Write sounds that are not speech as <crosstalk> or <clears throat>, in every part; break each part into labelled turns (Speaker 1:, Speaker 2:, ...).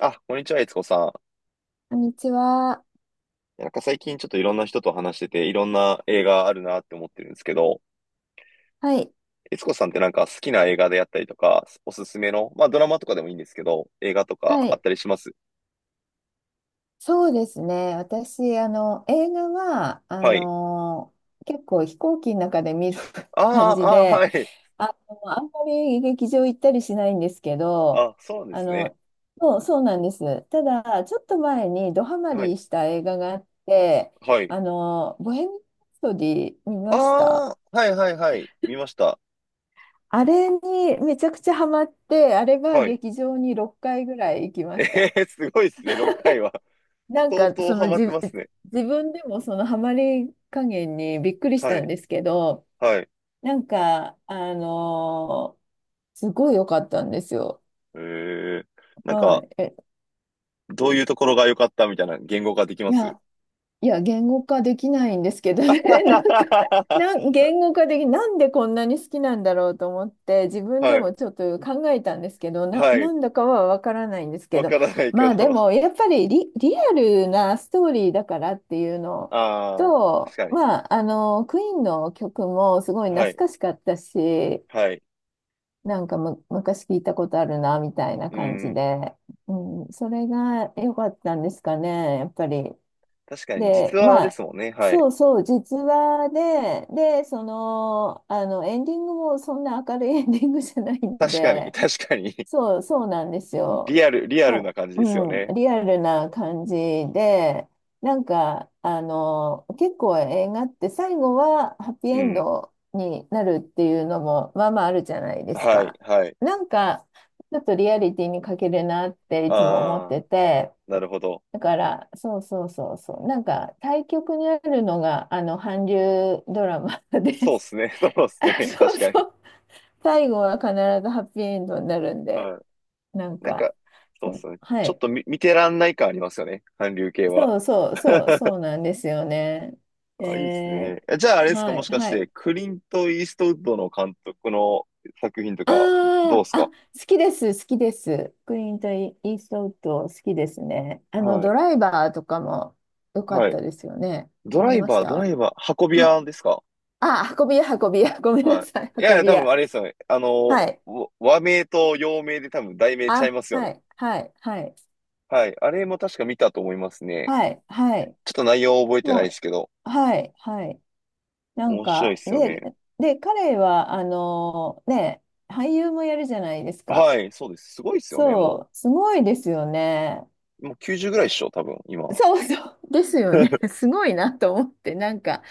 Speaker 1: あ、こんにちは、いつこさ
Speaker 2: こんにちは。
Speaker 1: ん。なんか最近ちょっといろんな人と話してて、いろんな映画あるなって思ってるんですけど、
Speaker 2: はい。
Speaker 1: いつこさんってなんか好きな映画であったりとか、おすすめの、まあドラマとかでもいいんですけど、映画とか
Speaker 2: は
Speaker 1: あっ
Speaker 2: い。
Speaker 1: たりします？
Speaker 2: そうですね。私、映画は、
Speaker 1: はい。
Speaker 2: 結構飛行機の中で見る
Speaker 1: あ
Speaker 2: <laughs> 感
Speaker 1: あ、
Speaker 2: じ
Speaker 1: ああ、は
Speaker 2: で、
Speaker 1: い。
Speaker 2: あんまり劇場行ったりしないんですけど、
Speaker 1: あ、そうなんで
Speaker 2: あ
Speaker 1: すね。
Speaker 2: の、そうなんです。ただ、ちょっと前にドハマ
Speaker 1: はい。
Speaker 2: りした映画があって、
Speaker 1: はい。
Speaker 2: ボヘミアン・ラプソディ見
Speaker 1: あ
Speaker 2: ました。
Speaker 1: あ、はいはいはい。見ました。
Speaker 2: あれにめちゃくちゃハマって、あれは
Speaker 1: はい。
Speaker 2: 劇場に6回ぐらい行きました。
Speaker 1: えー、すごいですね、6回は。
Speaker 2: なん
Speaker 1: 相
Speaker 2: か
Speaker 1: 当ハマってますね。
Speaker 2: 自分でもそのハマり加減にびっくりし
Speaker 1: は
Speaker 2: たん
Speaker 1: い。
Speaker 2: ですけど、
Speaker 1: はい。
Speaker 2: なんか、すごい良かったんですよ。
Speaker 1: えー、なん
Speaker 2: は
Speaker 1: か、
Speaker 2: い。
Speaker 1: どういうところが良かったみたいな言語化でき
Speaker 2: い
Speaker 1: ます？
Speaker 2: や、いや、言語化できないんですけどね、<laughs> なんか、
Speaker 1: <laughs>
Speaker 2: なんでこんなに好きなんだろうと思って、自分で
Speaker 1: はい、
Speaker 2: もちょっと考えたんですけど、
Speaker 1: は
Speaker 2: な
Speaker 1: い。
Speaker 2: んだかはわからないんですけ
Speaker 1: わ
Speaker 2: ど、
Speaker 1: からないけ
Speaker 2: まあ
Speaker 1: ど。
Speaker 2: で
Speaker 1: <laughs>
Speaker 2: も、やっぱりリアルなストーリーだからっていうの
Speaker 1: ああ、確
Speaker 2: と、
Speaker 1: かに。
Speaker 2: まあ、クイーンの曲もすごい
Speaker 1: は
Speaker 2: 懐
Speaker 1: い、
Speaker 2: かしかったし、
Speaker 1: はい。
Speaker 2: なんか、昔聞いたことあるな、みたいな
Speaker 1: う
Speaker 2: 感じ
Speaker 1: ん。
Speaker 2: で、うん、それが良かったんですかね、やっぱり。
Speaker 1: 確かに、実
Speaker 2: で、
Speaker 1: 話
Speaker 2: ま
Speaker 1: で
Speaker 2: あ、
Speaker 1: すもんね。は
Speaker 2: そ
Speaker 1: い。
Speaker 2: うそう、実話で、エンディングもそんな明るい <laughs> エンディングじゃないん
Speaker 1: 確かに、<laughs>
Speaker 2: で、
Speaker 1: 確かに。
Speaker 2: そうなんですよ。
Speaker 1: リアル、リア
Speaker 2: だ
Speaker 1: ル
Speaker 2: か
Speaker 1: な感じで
Speaker 2: ら、
Speaker 1: すよ
Speaker 2: うん、
Speaker 1: ね。
Speaker 2: リアルな感じで、なんか、結構映画って最後はハッピー
Speaker 1: う
Speaker 2: エン
Speaker 1: ん。
Speaker 2: ドになるっていうのも、まあまああるじゃないです
Speaker 1: はい、
Speaker 2: か。
Speaker 1: はい。
Speaker 2: なんか、ちょっとリアリティに欠けるなっていつも思っ
Speaker 1: あ
Speaker 2: て
Speaker 1: あ、
Speaker 2: て、
Speaker 1: なるほど。
Speaker 2: だから、そうそうそうそう。なんか、対極にあるのが、韓流ドラマで
Speaker 1: そうっ
Speaker 2: す。
Speaker 1: すね。<laughs> そうっ
Speaker 2: <laughs>
Speaker 1: す
Speaker 2: あ、
Speaker 1: ね。
Speaker 2: そ
Speaker 1: 確
Speaker 2: う
Speaker 1: かに。
Speaker 2: そう。最後は必ずハッピーエンドになるんで、
Speaker 1: は
Speaker 2: なん
Speaker 1: い。なん
Speaker 2: か、
Speaker 1: か、そう
Speaker 2: そ
Speaker 1: っ
Speaker 2: う、
Speaker 1: すね。
Speaker 2: は
Speaker 1: ちょっ
Speaker 2: い。
Speaker 1: と見てらんない感ありますよね。韓流系は。
Speaker 2: そうそうそう、
Speaker 1: <laughs>
Speaker 2: そうなんですよね。
Speaker 1: あ、いいっす
Speaker 2: え
Speaker 1: ね。え、じゃああれですか、
Speaker 2: は
Speaker 1: も
Speaker 2: い、
Speaker 1: しかし
Speaker 2: はい。
Speaker 1: て、クリント・イーストウッドの監督の作品とか、どうっ
Speaker 2: あ
Speaker 1: す
Speaker 2: あ、
Speaker 1: か？
Speaker 2: 好きです、好きです。クリント・イーストウッド、好きですね。
Speaker 1: は
Speaker 2: ド
Speaker 1: い。
Speaker 2: ライバーとかも良かっ
Speaker 1: はい。
Speaker 2: たですよね。
Speaker 1: ドラ
Speaker 2: 見
Speaker 1: イ
Speaker 2: まし
Speaker 1: バー、ドラ
Speaker 2: た。
Speaker 1: イバー、運び
Speaker 2: はい。
Speaker 1: 屋ですか？
Speaker 2: 運び屋、運び屋。ごめんな
Speaker 1: は
Speaker 2: さい。
Speaker 1: い。いやい
Speaker 2: 運
Speaker 1: や、
Speaker 2: び
Speaker 1: 多分
Speaker 2: 屋。
Speaker 1: あれですよね。あ
Speaker 2: は
Speaker 1: の、
Speaker 2: い。
Speaker 1: わ和名と洋名で多分題名ちゃいますよ
Speaker 2: は
Speaker 1: ね。
Speaker 2: い、はい、はい、
Speaker 1: はい。あれも確か見たと思いますね。
Speaker 2: はい、はい。
Speaker 1: ちょっと内容覚えてな
Speaker 2: も
Speaker 1: いですけど、
Speaker 2: う、はい、はい。なん
Speaker 1: 面白いで
Speaker 2: か、
Speaker 1: すよ
Speaker 2: で、
Speaker 1: ね。
Speaker 2: で、彼は、ね、俳優もやるじゃないですか。
Speaker 1: はい、そうです。すごいですよね。も
Speaker 2: そう、すごいですよね。
Speaker 1: う、もう90ぐらいっしょ、多分、今。
Speaker 2: そうそう。ですよね。<laughs> すごいなと思って、なんか、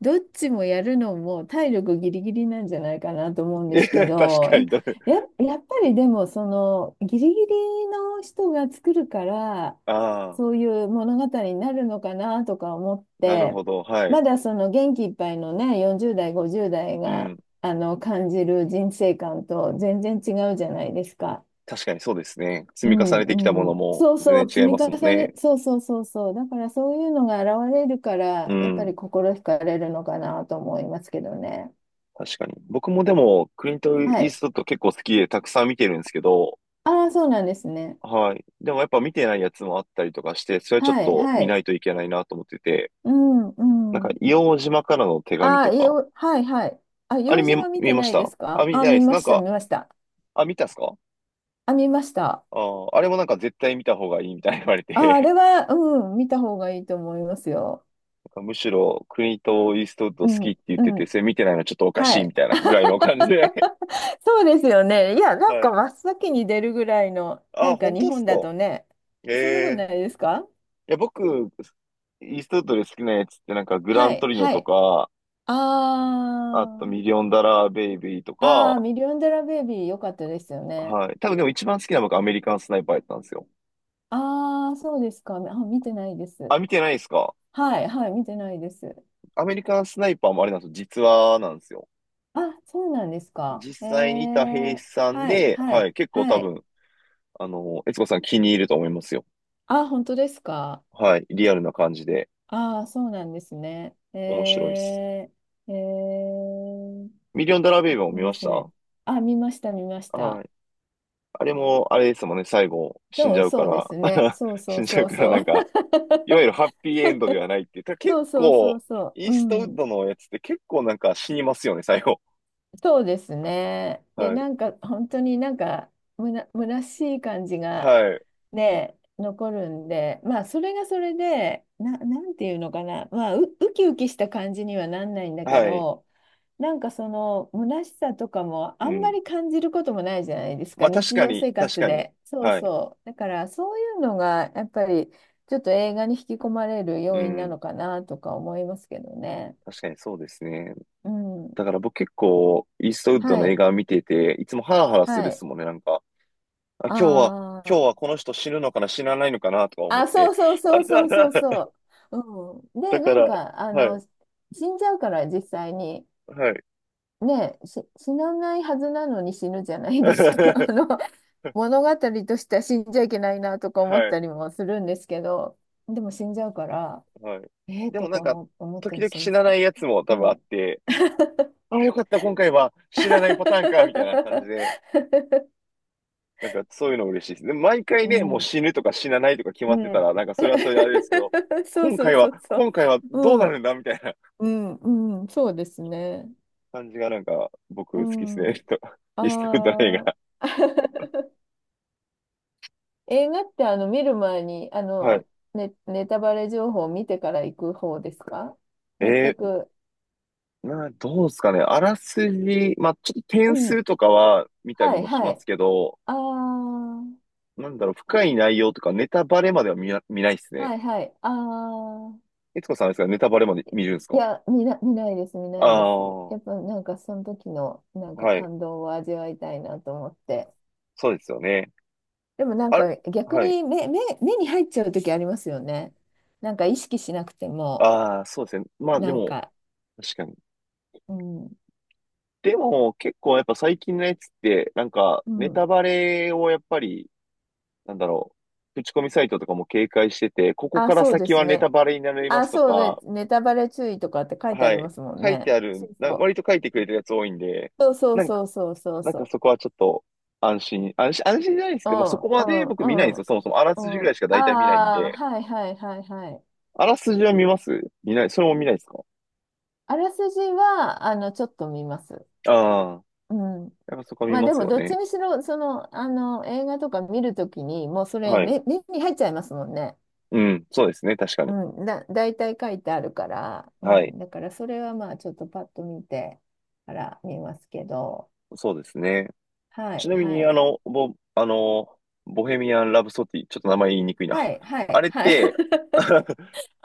Speaker 2: どっちもやるのも体力ギリギリなんじゃないかなと思うん
Speaker 1: <laughs>
Speaker 2: で
Speaker 1: え、
Speaker 2: すけ
Speaker 1: 確
Speaker 2: ど、
Speaker 1: かに。<laughs> だ、
Speaker 2: やっぱりでも、その、ギリギリの人が作るから、
Speaker 1: ああ、
Speaker 2: そういう物語になるのかなとか思っ
Speaker 1: なる
Speaker 2: て、
Speaker 1: ほど。はい。
Speaker 2: まだその元気いっぱいのね、40代、50代
Speaker 1: う
Speaker 2: が、
Speaker 1: ん。
Speaker 2: 感じる人生観と全然違うじゃないですか。
Speaker 1: 確かにそうですね。
Speaker 2: う
Speaker 1: 積み重ねてきたも
Speaker 2: ん
Speaker 1: の
Speaker 2: うん、
Speaker 1: も
Speaker 2: そうそ
Speaker 1: 全
Speaker 2: う、積
Speaker 1: 然違い
Speaker 2: み
Speaker 1: ます
Speaker 2: 重
Speaker 1: もん
Speaker 2: ね、
Speaker 1: ね。
Speaker 2: そうそうそうそう、だからそういうのが現れるか
Speaker 1: う
Speaker 2: ら、やっぱ
Speaker 1: ん。
Speaker 2: り心惹かれるのかなと思いますけどね。
Speaker 1: 確かに。僕もでも、クリント・イ
Speaker 2: は
Speaker 1: ー
Speaker 2: い。
Speaker 1: ストウッド結構好きでたくさん見てるんですけど、
Speaker 2: ああ、そうなんですね。
Speaker 1: はい。でもやっぱ見てないやつもあったりとかして、それはちょっ
Speaker 2: はい、
Speaker 1: と
Speaker 2: は
Speaker 1: 見な
Speaker 2: い。
Speaker 1: いといけないなと思ってて、
Speaker 2: うん、
Speaker 1: なんか、
Speaker 2: うん。
Speaker 1: 硫黄島からの手紙
Speaker 2: ああ、
Speaker 1: とか、
Speaker 2: はい、はい。
Speaker 1: あれ
Speaker 2: 用
Speaker 1: 見
Speaker 2: 事
Speaker 1: え、
Speaker 2: は見
Speaker 1: 見
Speaker 2: て
Speaker 1: えま
Speaker 2: な
Speaker 1: し
Speaker 2: いで
Speaker 1: た
Speaker 2: す
Speaker 1: あ、
Speaker 2: か？
Speaker 1: 見て
Speaker 2: あ、
Speaker 1: ないで
Speaker 2: 見
Speaker 1: す。
Speaker 2: ま
Speaker 1: なん
Speaker 2: した、
Speaker 1: か、
Speaker 2: 見ました。
Speaker 1: あ、見たっすか？
Speaker 2: あ、見ました。
Speaker 1: あー、あれもなんか絶対見た方がいいみたいに言われ
Speaker 2: あ、あ
Speaker 1: て、
Speaker 2: れは、うん、見た方がいいと思いますよ。
Speaker 1: <laughs> なんかむしろクリント・イーストウッド
Speaker 2: う
Speaker 1: 好
Speaker 2: ん、
Speaker 1: きって言っ
Speaker 2: う
Speaker 1: てて、そ
Speaker 2: ん。
Speaker 1: れ見てないのはちょっとおか
Speaker 2: は
Speaker 1: しいみ
Speaker 2: い。
Speaker 1: たいなぐらいの感じで。
Speaker 2: <laughs> そうですよね。いや、
Speaker 1: <laughs>
Speaker 2: なん
Speaker 1: は
Speaker 2: か
Speaker 1: い。
Speaker 2: 真っ先に出るぐらいの、な
Speaker 1: あ、
Speaker 2: んか
Speaker 1: 本
Speaker 2: 日
Speaker 1: 当っす
Speaker 2: 本
Speaker 1: か？
Speaker 2: だとね、
Speaker 1: え
Speaker 2: そんなことない
Speaker 1: え、
Speaker 2: ですか？
Speaker 1: いや、僕、イーストウッドで好きなやつってなんかグラ
Speaker 2: は
Speaker 1: ント
Speaker 2: い、
Speaker 1: リノ
Speaker 2: は
Speaker 1: と
Speaker 2: い。
Speaker 1: か、
Speaker 2: あ
Speaker 1: あと
Speaker 2: ー、
Speaker 1: ミリオンダラーベイビーと
Speaker 2: あー、
Speaker 1: か、
Speaker 2: ミリオンデラベイビー良かったですよね。
Speaker 1: はい。多分でも一番好きなのがアメリカンスナイパーやったんですよ。
Speaker 2: あー、そうですか。あ、見てないで
Speaker 1: あ、
Speaker 2: す。
Speaker 1: 見てないですか？
Speaker 2: はい、はい、見てないです。
Speaker 1: アメリカンスナイパーもあれなんですよ。実話なんですよ。
Speaker 2: あ、そうなんですか。
Speaker 1: 実際にいた兵士さん
Speaker 2: はい、
Speaker 1: で、
Speaker 2: は
Speaker 1: は
Speaker 2: い、
Speaker 1: い。結構
Speaker 2: は
Speaker 1: 多
Speaker 2: い。
Speaker 1: 分、あの、悦子さん気に入ると思いますよ。
Speaker 2: あ、本当ですか。
Speaker 1: はい。リアルな感じで
Speaker 2: あー、そうなんですね。
Speaker 1: 面白いで
Speaker 2: え
Speaker 1: す。
Speaker 2: ー、えー。
Speaker 1: ミリオンダラーベイビーも見ま
Speaker 2: で
Speaker 1: し
Speaker 2: すね。
Speaker 1: た？
Speaker 2: あ、見ました、見まし
Speaker 1: は
Speaker 2: た。
Speaker 1: い。あれも、あれですもんね。最後、死ん
Speaker 2: そ
Speaker 1: じゃ
Speaker 2: う、
Speaker 1: う
Speaker 2: そ
Speaker 1: か
Speaker 2: うで
Speaker 1: ら。
Speaker 2: すね。
Speaker 1: <laughs>
Speaker 2: そうそ
Speaker 1: 死
Speaker 2: う
Speaker 1: んじゃ
Speaker 2: そ
Speaker 1: う
Speaker 2: う
Speaker 1: から
Speaker 2: そ
Speaker 1: なん
Speaker 2: う。
Speaker 1: か、
Speaker 2: <laughs>
Speaker 1: いわゆるハッピーエンドではないっていう。ただ結
Speaker 2: そうそうそう
Speaker 1: 構、
Speaker 2: そ
Speaker 1: イー
Speaker 2: う。う
Speaker 1: ストウッ
Speaker 2: ん。
Speaker 1: ドのやつって結構なんか死にますよね、最後。
Speaker 2: そうですね。で、
Speaker 1: は
Speaker 2: な
Speaker 1: い。
Speaker 2: んか、本当になんか、虚しい感じが、
Speaker 1: はい。
Speaker 2: ね、残るんで、まあ、それがそれで、なんていうのかな。まあ、ウキウキした感じにはなんないんだけ
Speaker 1: はい。
Speaker 2: ど、なんかその虚しさとかも
Speaker 1: う
Speaker 2: あんま
Speaker 1: ん。
Speaker 2: り感じることもないじゃないですか、
Speaker 1: まあ確
Speaker 2: 日
Speaker 1: か
Speaker 2: 常
Speaker 1: に、
Speaker 2: 生
Speaker 1: 確
Speaker 2: 活
Speaker 1: かに。
Speaker 2: で。そう
Speaker 1: はい。
Speaker 2: そう。だからそういうのがやっぱりちょっと映画に引き込まれる
Speaker 1: う
Speaker 2: 要因な
Speaker 1: ん。
Speaker 2: のかなとか思いますけどね。
Speaker 1: 確かにそうですね。
Speaker 2: うん。
Speaker 1: だから僕結構、イーストウッド
Speaker 2: は
Speaker 1: の映
Speaker 2: い。
Speaker 1: 画を見てて、いつもハラハラす
Speaker 2: は
Speaker 1: るっ
Speaker 2: い。
Speaker 1: すもんね、なんか。あ、
Speaker 2: あ
Speaker 1: 今日は、今日
Speaker 2: ー
Speaker 1: はこの人死ぬのかな、死なないのかな、とか思っ
Speaker 2: あ、そ
Speaker 1: て。
Speaker 2: うそう
Speaker 1: <laughs> あ
Speaker 2: そうそ
Speaker 1: は
Speaker 2: うそう
Speaker 1: は、
Speaker 2: そう。うん。
Speaker 1: だ
Speaker 2: で、
Speaker 1: か
Speaker 2: なん
Speaker 1: ら、
Speaker 2: か
Speaker 1: はい。
Speaker 2: 死んじゃうから実際に。
Speaker 1: はい。
Speaker 2: ねえ、死なないはずなのに死ぬじゃな
Speaker 1: <laughs>
Speaker 2: いですか。<laughs>
Speaker 1: は
Speaker 2: 物語としては死んじゃいけないなとか思った
Speaker 1: い。
Speaker 2: りもするんですけど、でも死んじゃうから、
Speaker 1: はい。
Speaker 2: ええ
Speaker 1: でも
Speaker 2: と
Speaker 1: な
Speaker 2: か
Speaker 1: んか、
Speaker 2: 思った
Speaker 1: 時
Speaker 2: り
Speaker 1: 々
Speaker 2: し
Speaker 1: 死
Speaker 2: ま
Speaker 1: な
Speaker 2: すけ
Speaker 1: ないやつも多分あっ
Speaker 2: ど。
Speaker 1: て、あ、よかった、今回は
Speaker 2: うん。
Speaker 1: 死なないパターンか、みたいな感じで、
Speaker 2: <laughs>
Speaker 1: なんかそういうの嬉しいです。で毎回
Speaker 2: う
Speaker 1: ね、もう
Speaker 2: ん、
Speaker 1: 死ぬとか死なないとか決まってた
Speaker 2: ね
Speaker 1: ら、なんか
Speaker 2: え
Speaker 1: それはそれであれですけど、
Speaker 2: <laughs> そう
Speaker 1: 今
Speaker 2: そう
Speaker 1: 回
Speaker 2: そ
Speaker 1: は、
Speaker 2: うそ
Speaker 1: 今
Speaker 2: う。
Speaker 1: 回はどう
Speaker 2: う
Speaker 1: な
Speaker 2: ん、
Speaker 1: るんだ、みたいな
Speaker 2: うん、うん、そうですね。
Speaker 1: 感じがなんか僕
Speaker 2: う
Speaker 1: 好きですね。
Speaker 2: ん。
Speaker 1: と、<laughs> イーストウッドの映
Speaker 2: あ
Speaker 1: 画。
Speaker 2: あ。<laughs> 映画って見る前に
Speaker 1: はい。
Speaker 2: ネタバレ情報を見てから行く方ですか？全
Speaker 1: え
Speaker 2: く。
Speaker 1: ー、な、どうですかね。あらすじ、まあちょっと
Speaker 2: う
Speaker 1: 点数
Speaker 2: ん。
Speaker 1: とかは見た
Speaker 2: は
Speaker 1: り
Speaker 2: い
Speaker 1: もし
Speaker 2: は
Speaker 1: ます
Speaker 2: い。
Speaker 1: けど、
Speaker 2: ああ、
Speaker 1: なんだろう、深い内容とかネタバレまでは見ないです
Speaker 2: は
Speaker 1: ね。
Speaker 2: いはい。ああ。
Speaker 1: いつこさんですか？ネタバレまで見るんです
Speaker 2: い
Speaker 1: か？
Speaker 2: や、見ないです、見な
Speaker 1: あ
Speaker 2: いです。
Speaker 1: あー、
Speaker 2: やっぱなんかその時のなんか
Speaker 1: はい。
Speaker 2: 感動を味わいたいなと思って。
Speaker 1: そうですよね。
Speaker 2: でもなん
Speaker 1: あれ、
Speaker 2: か逆
Speaker 1: はい。
Speaker 2: に目に入っちゃう時ありますよね。なんか意識しなくても、
Speaker 1: ああ、そうですね。まあで
Speaker 2: なん
Speaker 1: も、
Speaker 2: か、
Speaker 1: 確かに。
Speaker 2: うん、
Speaker 1: でも、結構やっぱ最近のやつって、なんか、
Speaker 2: う
Speaker 1: ネ
Speaker 2: ん。
Speaker 1: タバレをやっぱり、なんだろう、口コミサイトとかも警戒してて、ここ
Speaker 2: あ、
Speaker 1: から
Speaker 2: そうで
Speaker 1: 先は
Speaker 2: す
Speaker 1: ネタ
Speaker 2: ね。
Speaker 1: バレになりま
Speaker 2: あ、
Speaker 1: すと
Speaker 2: そうね、
Speaker 1: か、
Speaker 2: ネタバレ注意とかって書いてあ
Speaker 1: は
Speaker 2: り
Speaker 1: い。
Speaker 2: ますもん
Speaker 1: 書いて
Speaker 2: ね。
Speaker 1: あ
Speaker 2: そ
Speaker 1: る、
Speaker 2: う
Speaker 1: な、
Speaker 2: そ
Speaker 1: 割
Speaker 2: う。
Speaker 1: と書いてくれてるやつ多いんで、
Speaker 2: そうそう
Speaker 1: なんか、
Speaker 2: そうそうそう
Speaker 1: なんか
Speaker 2: そ
Speaker 1: そこはちょっと安心じゃないです
Speaker 2: う。う
Speaker 1: けど、まあそ
Speaker 2: ん
Speaker 1: こ
Speaker 2: う
Speaker 1: まで僕見ないんで
Speaker 2: んう
Speaker 1: すよ。そもそもあらすじぐ
Speaker 2: んう
Speaker 1: らい
Speaker 2: ん。
Speaker 1: しか
Speaker 2: あ
Speaker 1: 大体見ないん
Speaker 2: あ、
Speaker 1: で、
Speaker 2: はいはいはいはい。
Speaker 1: あらすじは見ます？見ない、それも見ないですか？
Speaker 2: あらすじは、ちょっと見ます。
Speaker 1: ああー、
Speaker 2: うん。
Speaker 1: やっぱそこは見
Speaker 2: まあ
Speaker 1: ま
Speaker 2: で
Speaker 1: す
Speaker 2: も、
Speaker 1: よ
Speaker 2: どっち
Speaker 1: ね。
Speaker 2: にしろ、その、映画とか見るときに、もうそれ
Speaker 1: はい、
Speaker 2: 目に入っちゃいますもんね。
Speaker 1: うん、そうですね、確かに。
Speaker 2: うん。大体書いてあるから、う
Speaker 1: はい、
Speaker 2: ん。だから、それはまあ、ちょっとパッと見てから見ますけど、
Speaker 1: そうですね。
Speaker 2: はい
Speaker 1: ちなみ
Speaker 2: は
Speaker 1: に、あ
Speaker 2: い。
Speaker 1: の、ボ、あの、ボヘミアン・ラブソティ、ちょっと名前言いにくい
Speaker 2: は
Speaker 1: な。
Speaker 2: い、
Speaker 1: <laughs>
Speaker 2: は
Speaker 1: あ
Speaker 2: い、
Speaker 1: れっ
Speaker 2: はい。
Speaker 1: て、<laughs> あ
Speaker 2: <laughs>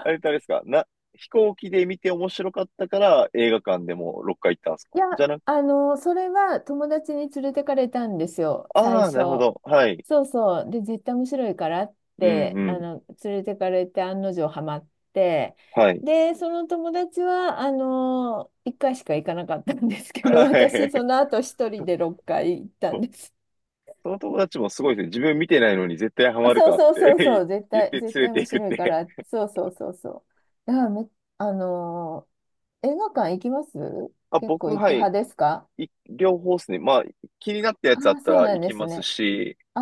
Speaker 1: れってあれですか、な、飛行機で見て面白かったから映画館でも6回行ったんですか、
Speaker 2: いや、
Speaker 1: じゃなく、
Speaker 2: それは友達に連れてかれたんですよ、最
Speaker 1: ああ、
Speaker 2: 初。
Speaker 1: なるほど。はい。
Speaker 2: そうそう。で、絶対面白いからっ
Speaker 1: うん
Speaker 2: て、
Speaker 1: うん。
Speaker 2: 連れてかれて案の定ハマって、
Speaker 1: はい。
Speaker 2: で、その友達は、1回しか行かなかったんで
Speaker 1: <laughs>
Speaker 2: すけど、
Speaker 1: は
Speaker 2: 私、そ
Speaker 1: い。
Speaker 2: の後一人で6回行ったん
Speaker 1: <laughs>
Speaker 2: です。
Speaker 1: その友達もすごいですね。自分見てないのに絶対ハ
Speaker 2: あ
Speaker 1: マる
Speaker 2: そう
Speaker 1: かっ
Speaker 2: そうそうそ
Speaker 1: て
Speaker 2: う、絶
Speaker 1: <laughs> 言っ
Speaker 2: 対、
Speaker 1: て
Speaker 2: 絶
Speaker 1: 連れ
Speaker 2: 対
Speaker 1: て
Speaker 2: 面
Speaker 1: いくっ
Speaker 2: 白いか
Speaker 1: て。
Speaker 2: ら、そうそうそうそう。だからめ、あの、映画館行きます？
Speaker 1: あ、
Speaker 2: 結
Speaker 1: 僕、
Speaker 2: 構行く
Speaker 1: はい。
Speaker 2: 派ですか？
Speaker 1: い、両方ですね。まあ、気になったや
Speaker 2: あ
Speaker 1: つあっ
Speaker 2: あ、
Speaker 1: た
Speaker 2: そう
Speaker 1: ら
Speaker 2: な
Speaker 1: 行
Speaker 2: んで
Speaker 1: き
Speaker 2: す
Speaker 1: ます
Speaker 2: ね。
Speaker 1: し、
Speaker 2: あ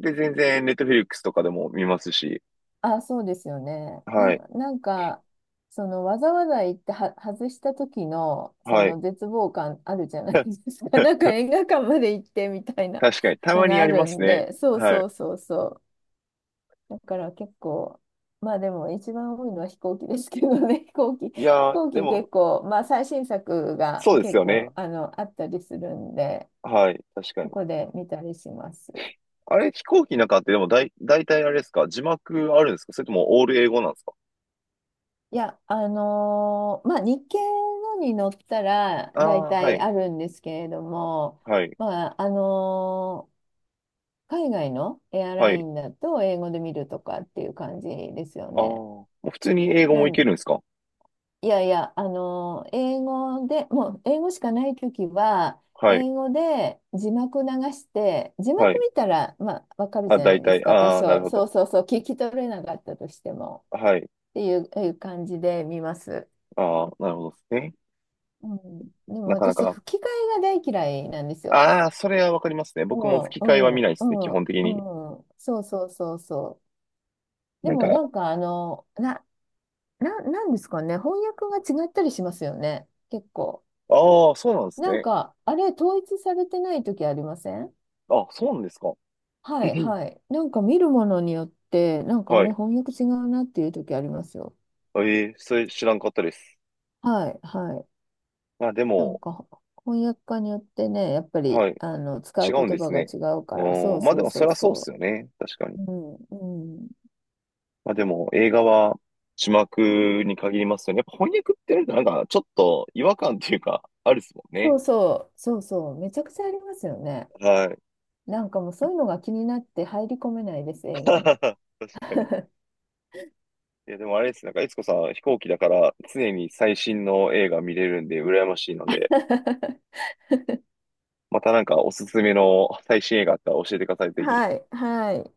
Speaker 1: で、全然、ネットフィリックスとかでも見ますし。
Speaker 2: あ、あ、そうですよね。
Speaker 1: はい。
Speaker 2: なんか、そのわざわざ行っては外した時のそ
Speaker 1: はい。
Speaker 2: の絶望感あるじゃないですか。<laughs> なん
Speaker 1: <laughs>
Speaker 2: か映画館まで行ってみたいな
Speaker 1: 確かに、た
Speaker 2: の
Speaker 1: まに
Speaker 2: が
Speaker 1: あ
Speaker 2: あ
Speaker 1: りま
Speaker 2: る
Speaker 1: す
Speaker 2: ん
Speaker 1: ね。
Speaker 2: で、そう
Speaker 1: は
Speaker 2: そ
Speaker 1: い。
Speaker 2: うそうそう。だから結構、まあでも一番多いのは飛行機ですけどね、<laughs> 飛行機、
Speaker 1: い
Speaker 2: 飛
Speaker 1: やー、
Speaker 2: 行
Speaker 1: で
Speaker 2: 機
Speaker 1: も、
Speaker 2: 結構、まあ最新作が
Speaker 1: そうです
Speaker 2: 結
Speaker 1: よ
Speaker 2: 構
Speaker 1: ね。
Speaker 2: あったりするんで、
Speaker 1: はい。確か
Speaker 2: そ
Speaker 1: に。
Speaker 2: こで見たりします。
Speaker 1: あれ、飛行機の中って、でも、だい、大体あれですか、字幕あるんですか、それとも、オール英語なんですか？
Speaker 2: いや、まあ、日系のに乗ったら大
Speaker 1: ああー、は
Speaker 2: 体
Speaker 1: い。
Speaker 2: あるんですけれども、
Speaker 1: はい。
Speaker 2: まあ、海外のエア
Speaker 1: は
Speaker 2: ライ
Speaker 1: い。
Speaker 2: ンだと英語で見るとかっていう感じですよ
Speaker 1: ああ、
Speaker 2: ね。
Speaker 1: もう普通に英語も
Speaker 2: な
Speaker 1: いけ
Speaker 2: ん、
Speaker 1: るんですか？
Speaker 2: いやいや、英語で、もう英語しかないときは、
Speaker 1: はい。
Speaker 2: 英語で字幕流して、字
Speaker 1: は
Speaker 2: 幕
Speaker 1: い。
Speaker 2: 見たら、まあ、わかる
Speaker 1: あ、
Speaker 2: じゃな
Speaker 1: 大
Speaker 2: いです
Speaker 1: 体。
Speaker 2: か、多
Speaker 1: ああ、なる
Speaker 2: 少。
Speaker 1: ほ
Speaker 2: そ
Speaker 1: ど。
Speaker 2: うそうそう、聞き取れなかったとしても
Speaker 1: はい。
Speaker 2: っていう、いう感じで見ます。
Speaker 1: ああ、なるほどですね。
Speaker 2: うん、でも
Speaker 1: なかな
Speaker 2: 私、
Speaker 1: か。
Speaker 2: 吹き替えが大嫌いなんですよ。
Speaker 1: ああ、それはわかりますね。僕も
Speaker 2: も
Speaker 1: 吹き
Speaker 2: う、
Speaker 1: 替えは見ないです
Speaker 2: う
Speaker 1: ね、基
Speaker 2: ん、う
Speaker 1: 本的に。
Speaker 2: ん、うん。そうそうそうそう。で
Speaker 1: なん
Speaker 2: も
Speaker 1: か、
Speaker 2: なんかなんですかね、翻訳が違ったりしますよね、結構。
Speaker 1: ああ、そうなんです
Speaker 2: なん
Speaker 1: ね。
Speaker 2: か、あれ、統一されてない時ありません？
Speaker 1: あ、そうなんですか。
Speaker 2: はい
Speaker 1: <clears throat>
Speaker 2: はい。なんか見るものによって、なんかあ
Speaker 1: は
Speaker 2: れ、
Speaker 1: い。
Speaker 2: 翻訳違うなっていう時ありますよ。
Speaker 1: ええ、それ知らんかったです。
Speaker 2: はいはい。
Speaker 1: まあで
Speaker 2: なん
Speaker 1: も、
Speaker 2: か、翻訳家によってね、やっぱ
Speaker 1: は
Speaker 2: り、
Speaker 1: い。
Speaker 2: 使
Speaker 1: 違
Speaker 2: う
Speaker 1: うん
Speaker 2: 言
Speaker 1: で
Speaker 2: 葉
Speaker 1: す
Speaker 2: が
Speaker 1: ね。
Speaker 2: 違うか
Speaker 1: う
Speaker 2: ら、そ
Speaker 1: ー
Speaker 2: う
Speaker 1: ん、まあ
Speaker 2: そ
Speaker 1: で
Speaker 2: う
Speaker 1: も
Speaker 2: そ
Speaker 1: そ
Speaker 2: う
Speaker 1: りゃそうっす
Speaker 2: そ
Speaker 1: よ
Speaker 2: う。
Speaker 1: ね。確かに。
Speaker 2: うん、うん。
Speaker 1: まあでも映画は字幕に限りますよね。やっぱ翻訳ってなんかなんかちょっと違和感っていうか、あるっすもん
Speaker 2: そ
Speaker 1: ね。
Speaker 2: うそう、そうそう、めちゃくちゃありますよね。
Speaker 1: はい。
Speaker 2: なんかもうそういうのが気になって入り込めないです、
Speaker 1: <laughs>
Speaker 2: 映画に。
Speaker 1: 確かに。いやでもあれです。なんか、いつこさん飛行機だから常に最新の映画見れるんで羨ましいので、
Speaker 2: <laughs>
Speaker 1: またなんかおすすめの最新映画あったら教えてください、ぜひ。
Speaker 2: はい、はい。